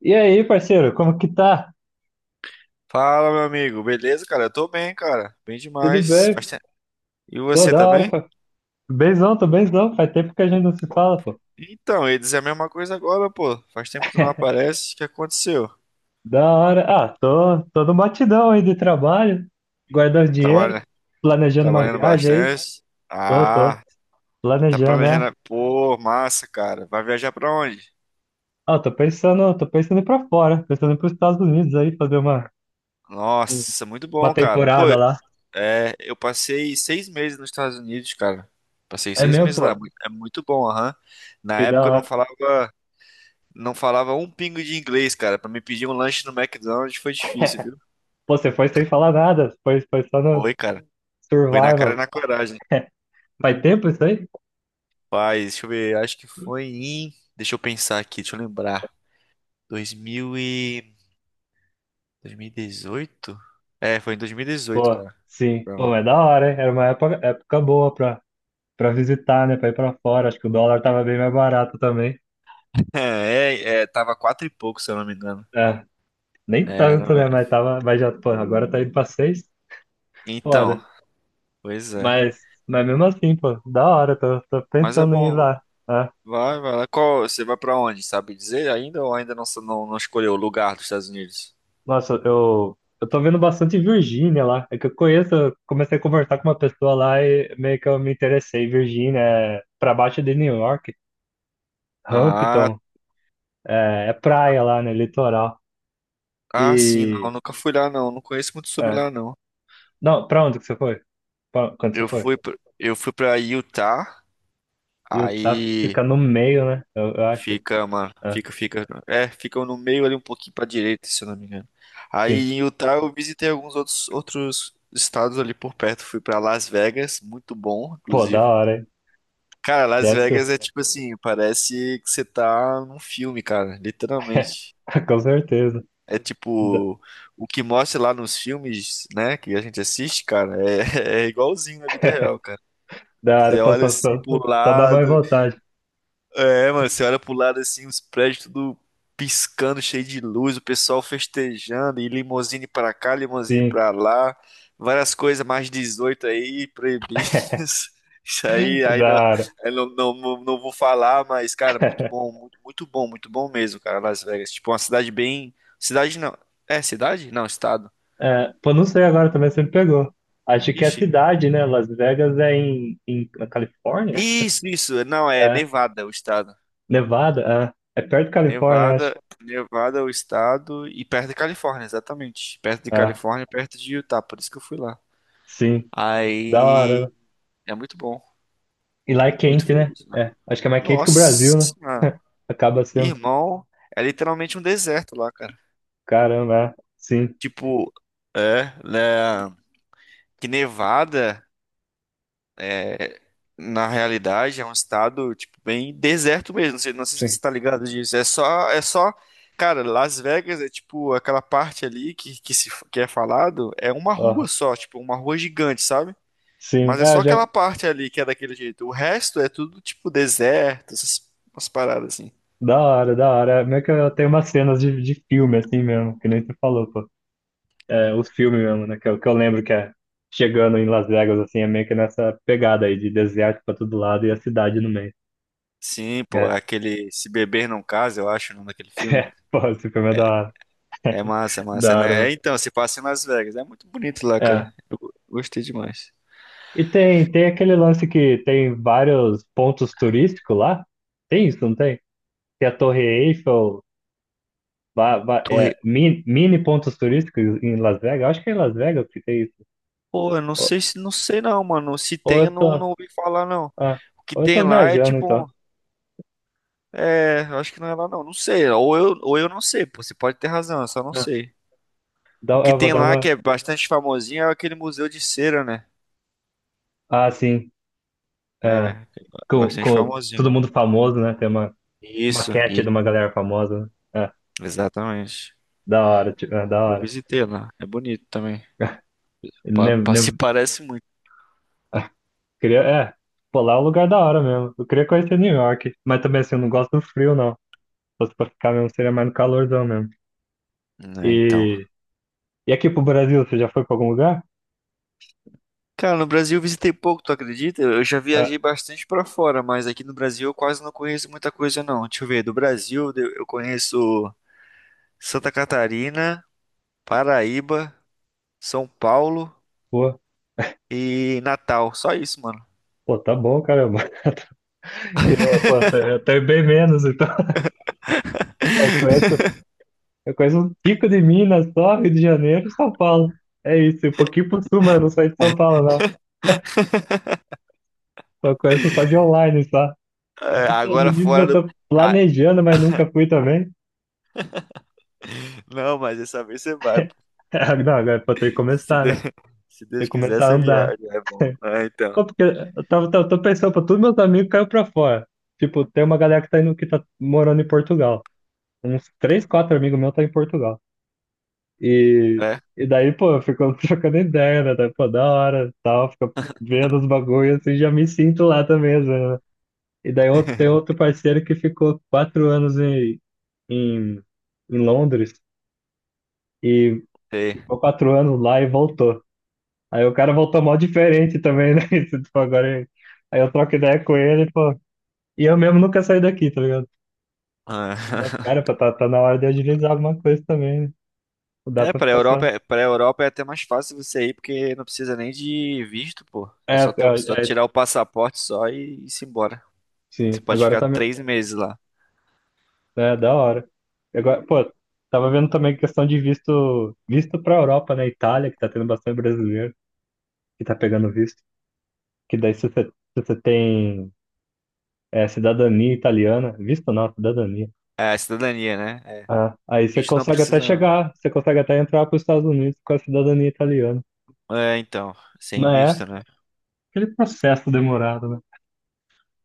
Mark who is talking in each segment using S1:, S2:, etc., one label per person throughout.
S1: E aí, parceiro, como que tá?
S2: Fala, meu amigo. Beleza, cara? Eu tô bem, cara. Bem
S1: Tudo
S2: demais. Faz
S1: bem?
S2: tempo. E
S1: Pô,
S2: você
S1: da
S2: tá
S1: hora,
S2: bem?
S1: pô. Benzão, tô benzão. Faz tempo que a gente não se fala, pô.
S2: Então, eu ia dizer a mesma coisa agora, pô. Faz tempo que tu não aparece. O que aconteceu?
S1: Da hora. Ah, tô no batidão aí de trabalho, guardando dinheiro,
S2: Trabalha...
S1: planejando uma
S2: Trabalhando
S1: viagem aí.
S2: bastante.
S1: Tô, tô.
S2: Ah, tá
S1: Planejando, né?
S2: planejando. Pô, massa, cara. Vai viajar pra onde?
S1: Ah, tô pensando em ir pra fora, pensando em ir pros Estados Unidos aí, fazer um,
S2: Nossa, muito
S1: uma
S2: bom, cara. Pô,
S1: temporada lá.
S2: é, eu passei 6 meses nos Estados Unidos, cara. Passei
S1: É
S2: seis
S1: mesmo,
S2: meses lá.
S1: pô.
S2: É muito bom, aham. Na
S1: Que da
S2: época eu não
S1: hora.
S2: falava, não falava um pingo de inglês, cara. Pra me pedir um lanche no McDonald's foi difícil, viu?
S1: Pô, você foi sem falar nada, foi só no
S2: Foi, cara. Foi na cara e
S1: survival.
S2: na coragem.
S1: Faz tempo isso aí?
S2: Rapaz, deixa eu ver. Acho que foi em. Deixa eu pensar aqui, deixa eu lembrar. 2000 e... 2018. É, foi em 2018,
S1: Pô,
S2: cara.
S1: sim.
S2: Pra
S1: Pô,
S2: lá.
S1: mas é da hora, hein? Era uma época boa pra, pra visitar, né? Pra ir pra fora. Acho que o dólar tava bem mais barato também.
S2: É, é, tava quatro e pouco, se eu não me engano.
S1: É, nem
S2: É,
S1: tanto,
S2: não é-
S1: né? Mas tava, mas já, pô, agora tá indo pra seis.
S2: Então,
S1: Foda.
S2: pois é.
S1: Mas mesmo assim, pô, da hora. Tô, tô
S2: Mas é
S1: pensando em ir
S2: bom.
S1: lá, né?
S2: Vai, vai lá. Qual, você vai pra onde, sabe dizer ainda ou ainda não, escolheu o lugar dos Estados Unidos?
S1: Nossa, eu tô vendo bastante Virgínia lá. É que eu conheço, eu comecei a conversar com uma pessoa lá e meio que eu me interessei. Virgínia é pra baixo de New York,
S2: Ah,
S1: Hampton. É, é praia lá, né? Litoral.
S2: ah, sim, não,
S1: E
S2: nunca fui lá não conheço muito sobre
S1: é.
S2: lá não.
S1: Não, pra onde que você foi? Quando você
S2: Eu
S1: foi?
S2: fui pra, eu fui para Utah.
S1: Utah
S2: Aí
S1: fica no meio, né? Eu acho.
S2: fica, mano,
S1: Ah,
S2: fica no meio ali um pouquinho pra direita, se eu não me engano.
S1: sim.
S2: Aí em Utah eu visitei alguns outros estados ali por perto, fui pra Las Vegas, muito bom,
S1: Pô, da
S2: inclusive.
S1: hora, hein?
S2: Cara, Las
S1: Deve ser.
S2: Vegas é tipo assim, parece que você tá num filme, cara, literalmente.
S1: Com certeza.
S2: É
S1: Da,
S2: tipo, o que mostra lá nos filmes, né, que a gente assiste, cara, é, é igualzinho na vida real, cara.
S1: Da hora,
S2: Você
S1: pô,
S2: olha assim pro
S1: só dá mais
S2: lado,
S1: vontade.
S2: É, mano, você olha pro lado assim, os prédios tudo piscando, cheio de luz, o pessoal festejando, e limousine pra cá, limousine
S1: Sim.
S2: pra lá, várias coisas mais 18 aí, proibidas. Isso aí,
S1: Da hora.
S2: não vou falar, mas, cara, muito bom mesmo, cara, Las Vegas. Tipo, uma cidade bem. Cidade não. É, cidade? Não, estado.
S1: É, pô, não sei agora também se me pegou. Acho que é
S2: Ixi.
S1: cidade, né? Las Vegas é em, na Califórnia?
S2: Isso, isso. Não, é
S1: É.
S2: Nevada, o estado.
S1: Nevada? É. É perto da Califórnia, acho.
S2: Nevada, Nevada é o estado e perto de Califórnia, exatamente. Perto de
S1: Ah,
S2: Califórnia, perto de Utah, por isso que eu fui lá.
S1: sim. Da hora, né?
S2: Aí é muito bom,
S1: E lá é
S2: muito
S1: quente, né?
S2: feliz, né?
S1: É, acho que é mais quente que o Brasil, né?
S2: Nossa,
S1: Acaba sendo.
S2: irmão, é literalmente um deserto lá, cara.
S1: Caramba, é. Sim,
S2: Tipo, é, né? Que Nevada. É, na realidade, é um estado, tipo, bem deserto mesmo. Não sei, se
S1: sim.
S2: você tá ligado disso. É só, cara, Las Vegas é tipo aquela parte ali que se que é falado, é uma rua
S1: Ó,
S2: só, tipo, uma rua gigante, sabe?
S1: sim,
S2: Mas é
S1: é,
S2: só
S1: já.
S2: aquela parte ali que é daquele jeito. O resto é tudo tipo deserto, essas umas paradas assim.
S1: Da hora, da hora. É meio que eu tenho umas cenas de filme, assim mesmo, que nem tu falou, pô. É, os filmes mesmo, né? Que eu lembro que é chegando em Las Vegas, assim, é meio que nessa pegada aí de deserto pra todo lado e a cidade no meio.
S2: Sim, pô,
S1: É,
S2: é aquele Se Beber Não Case, eu acho, o nome daquele filme.
S1: é, pô, esse filme é da hora.
S2: É massa,
S1: Da hora,
S2: né?
S1: mano.
S2: É, então, se passa em Las Vegas. É muito bonito lá, cara.
S1: É.
S2: Eu gostei demais.
S1: E tem aquele lance que tem vários pontos turísticos lá? Tem isso, não tem? Tem a Torre Eiffel,
S2: Torre,
S1: mini, mini pontos turísticos em Las Vegas. Acho que é em Las Vegas que tem isso.
S2: Pô, eu não
S1: Ou,
S2: sei se não sei não, mano. Se
S1: ou
S2: tem, eu
S1: eu
S2: não,
S1: tô,
S2: não ouvi falar não.
S1: ah,
S2: O que
S1: ou eu
S2: tem
S1: tô
S2: lá é
S1: viajando, então.
S2: tipo, eu acho que não é lá não. Não sei. Ou eu não sei, pô. Você pode ter razão, eu só não
S1: Ah,
S2: sei. O que
S1: eu vou
S2: tem
S1: dar
S2: lá que
S1: uma.
S2: é bastante famosinho é aquele museu de cera, né?
S1: Ah, sim.
S2: É,
S1: É,
S2: é bastante
S1: com todo
S2: famosinho.
S1: mundo famoso, né? Tem uma
S2: Isso,
S1: maquete de
S2: e
S1: uma galera famosa, né? É,
S2: exatamente.
S1: da hora, tipo, é, da
S2: Eu
S1: hora.
S2: visitei lá. É bonito também.
S1: Ne,
S2: Se
S1: ne,
S2: parece muito.
S1: ah, queria, é, Pô, lá é um lugar da hora mesmo. Eu queria conhecer New York, mas também assim, eu não gosto do frio, não. Só se fosse pra ficar mesmo, seria mais no calorzão mesmo.
S2: Né, então.
S1: E. E aqui pro Brasil, você já foi pra algum lugar?
S2: Cara, no Brasil eu visitei pouco, tu acredita? Eu já
S1: Ah,
S2: viajei bastante pra fora, mas aqui no Brasil eu quase não conheço muita coisa não. Deixa eu ver, do Brasil eu conheço Santa Catarina, Paraíba, São Paulo
S1: pô,
S2: e Natal. Só isso, mano.
S1: pô, tá bom, caramba. Eu até bem menos, então. Eu conheço, eu conheço um tico de Minas só, Rio de Janeiro e São Paulo. É isso, um pouquinho por sul, mas eu não saí de São Paulo, não. Eu conheço só de online, só. Aí,
S2: É,
S1: nos Estados
S2: agora
S1: Unidos
S2: fora
S1: eu
S2: do.
S1: tô
S2: Ah,
S1: planejando, mas nunca fui também.
S2: não, mas dessa vez você vai, pô.
S1: Não, agora pô, tem que
S2: Se
S1: começar, né?
S2: Deus, se
S1: Tem que
S2: Deus quiser,
S1: começar a
S2: você
S1: andar.
S2: viaja. É bom. Ah, então.
S1: Pô, porque eu tô pensando, pô, todos meus amigos caiu pra fora. Tipo, tem uma galera que tá indo, que tá morando em Portugal. Uns três, quatro amigos meus tá em Portugal. E,
S2: É?
S1: e daí, pô, ficamos trocando ideia, né? Daí, pô, da hora, tal, fica vendo os bagulhos assim, já me sinto lá também, às vezes, né? E tem outro parceiro que ficou quatro anos em, em Londres e
S2: Sei.
S1: ficou quatro anos lá e voltou. Aí o cara voltou mó diferente também, né? Isso, tipo, agora, aí eu troco ideia com ele, pô. E eu mesmo nunca saí daqui, tá ligado? Mas,
S2: Ah.
S1: cara, pô, tá na hora de agilizar alguma coisa também, né? Não dá
S2: É,
S1: pra
S2: pra
S1: ficar só.
S2: Europa, pra Europa é até mais fácil você ir, porque não precisa nem de visto, pô.
S1: É,
S2: É só, só
S1: é, é,
S2: tirar o passaporte só e se embora. Você
S1: sim,
S2: pode
S1: agora
S2: ficar
S1: tá. me-
S2: 3 meses lá.
S1: É, da hora. E agora, pô, tava vendo também questão de visto pra Europa, né? Itália, que tá tendo bastante brasileiro que tá pegando visto. Que daí, se você tem cidadania italiana, visto não, cidadania.
S2: É, a cidadania, né? É.
S1: Ah, aí você
S2: Visto não
S1: consegue até
S2: precisa, não.
S1: chegar, você consegue até entrar pros Estados Unidos com a cidadania italiana.
S2: É, então.
S1: Não
S2: Sem
S1: é
S2: visto, né?
S1: aquele processo demorado, né?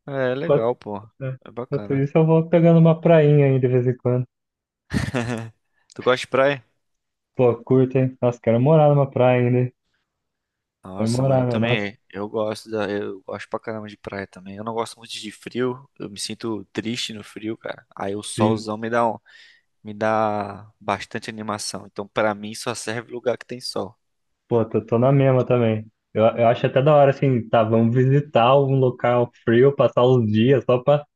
S2: É,
S1: Enquanto,
S2: legal, pô.
S1: é,
S2: É
S1: Enquanto
S2: bacana.
S1: isso, eu vou pegando uma prainha aí de vez em quando.
S2: Tu gosta de praia?
S1: Pô, curto, hein? Nossa, quero morar numa praia ainda. É
S2: Nossa, mano, eu
S1: memorável, nossa.
S2: também. Eu gosto pra caramba de praia também. Eu não gosto muito de frio. Eu me sinto triste no frio, cara. Aí o
S1: Sim.
S2: solzão me dá bastante animação. Então, pra mim, só serve lugar que tem sol.
S1: Pô, tô na mesma também. Eu acho até da hora, assim, tá, vamos visitar um local frio, passar uns dias só pra,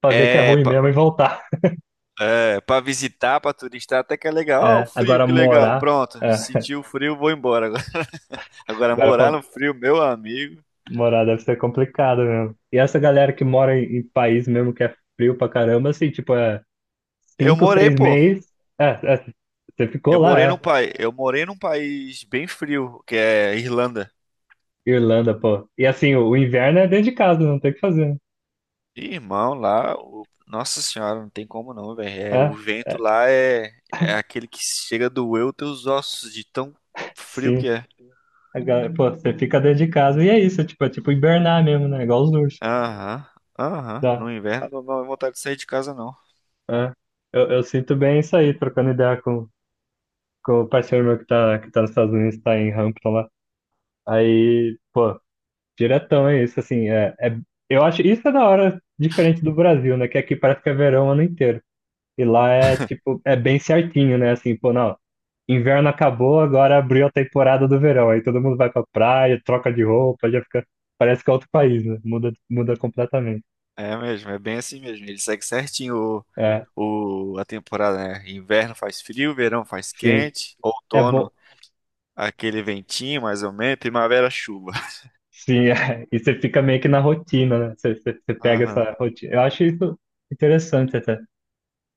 S1: pra ver que é
S2: É,
S1: ruim
S2: pra,
S1: mesmo e voltar.
S2: é, pra visitar, pra turistar, até que é legal. Ó, o
S1: É,
S2: frio,
S1: agora
S2: que legal.
S1: morar,
S2: Pronto,
S1: é,
S2: senti o frio, vou embora. Agora, agora,
S1: Agora
S2: morar
S1: pra
S2: no frio, meu amigo.
S1: morar deve ser complicado mesmo. E essa galera que mora em país mesmo que é frio pra caramba, assim, tipo, é
S2: Eu
S1: cinco,
S2: morei,
S1: seis
S2: pô.
S1: meses, é, é, você ficou
S2: Eu
S1: lá,
S2: morei num
S1: é.
S2: país, eu morei num país bem frio, que é Irlanda.
S1: Irlanda, pô. E assim, o inverno é dentro de casa, não tem o que fazer, né?
S2: Ih, Irmão, lá, nossa senhora, não tem como não, velho. É, o
S1: É,
S2: vento
S1: é,
S2: lá é aquele que chega a doer os teus ossos de tão frio que
S1: sim.
S2: é.
S1: A galera, pô, você fica dentro de casa e é isso, tipo, é tipo hibernar mesmo, né? Igual os ursos.
S2: Aham, aham.
S1: Dá.
S2: No inverno não dá vontade de sair de casa, não.
S1: É. Eu sinto bem isso aí, trocando ideia com o parceiro meu que tá nos Estados Unidos, tá em Hampton lá. Aí, pô, diretão é isso, assim, eu acho, isso é da hora diferente do Brasil, né? Que aqui parece que é verão o ano inteiro. E lá é, tipo, é bem certinho, né? Assim, pô, não, inverno acabou, agora abriu a temporada do verão. Aí todo mundo vai pra praia, troca de roupa, já fica, parece que é outro país, né? Muda, muda completamente.
S2: É mesmo, é bem assim mesmo. Ele segue certinho
S1: É,
S2: a temporada, né? Inverno faz frio, verão faz
S1: sim.
S2: quente,
S1: É
S2: outono
S1: bom.
S2: aquele ventinho mais ou menos, primavera chuva.
S1: Sim, é. E você fica meio que na rotina, né? Você pega
S2: Aham,
S1: essa rotina. Eu acho isso interessante até.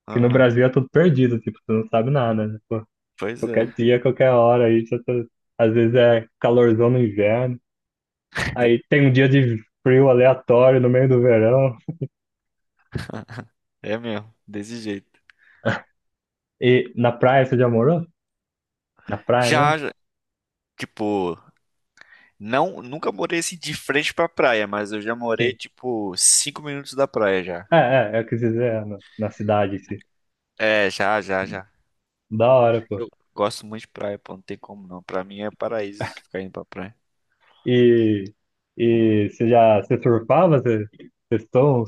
S1: Porque no
S2: aham.
S1: Brasil é tudo perdido, tipo, você não sabe nada, né? Pô,
S2: Pois é,
S1: qualquer dia, qualquer hora, às vezes é calorzão no inverno. Aí tem um dia de frio aleatório no meio do verão.
S2: é mesmo, desse jeito.
S1: E na praia você já morou? Na praia mesmo?
S2: Já, já, tipo, não, nunca morei assim de frente pra praia, mas eu já morei,
S1: Sim.
S2: tipo, 5 minutos da praia já.
S1: É, eu quis dizer, é, na cidade, em si.
S2: É, já, já, já.
S1: Da hora, pô.
S2: Eu gosto muito de praia, pô, não tem como não. Pra mim é paraíso ficar indo pra praia.
S1: E, e você já você surfava? Você, vocês estão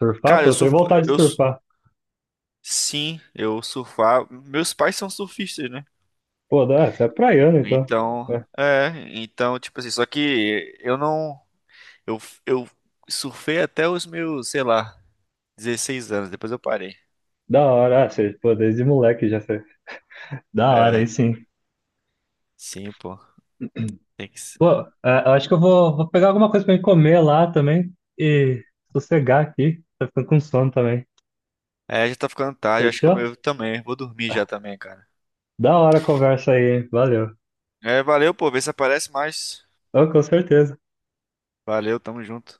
S1: surfar?
S2: Cara,
S1: Pô,
S2: eu
S1: eu tenho
S2: surfo,
S1: vontade de surfar.
S2: sim, eu surfar. Meus pais são surfistas, né?
S1: Pô, da, você é praiano, então. É.
S2: Então, é, então, tipo assim, só que eu não, eu, eu surfei até os meus, sei lá, 16 anos, depois eu parei.
S1: Da hora, ah, você, pô, desde moleque já sei. Da hora, aí
S2: É,
S1: sim.
S2: sim, pô, tem que ser.
S1: Pô, é, eu acho que vou pegar alguma coisa pra mim comer lá também e sossegar aqui. Tá ficando com sono também.
S2: É, já tá ficando tarde, acho que eu
S1: Fechou?
S2: eu também, vou dormir já também, cara.
S1: Da hora a conversa aí, hein? Valeu.
S2: É, valeu, pô, vê se aparece mais.
S1: Ô, com certeza.
S2: Valeu, tamo junto.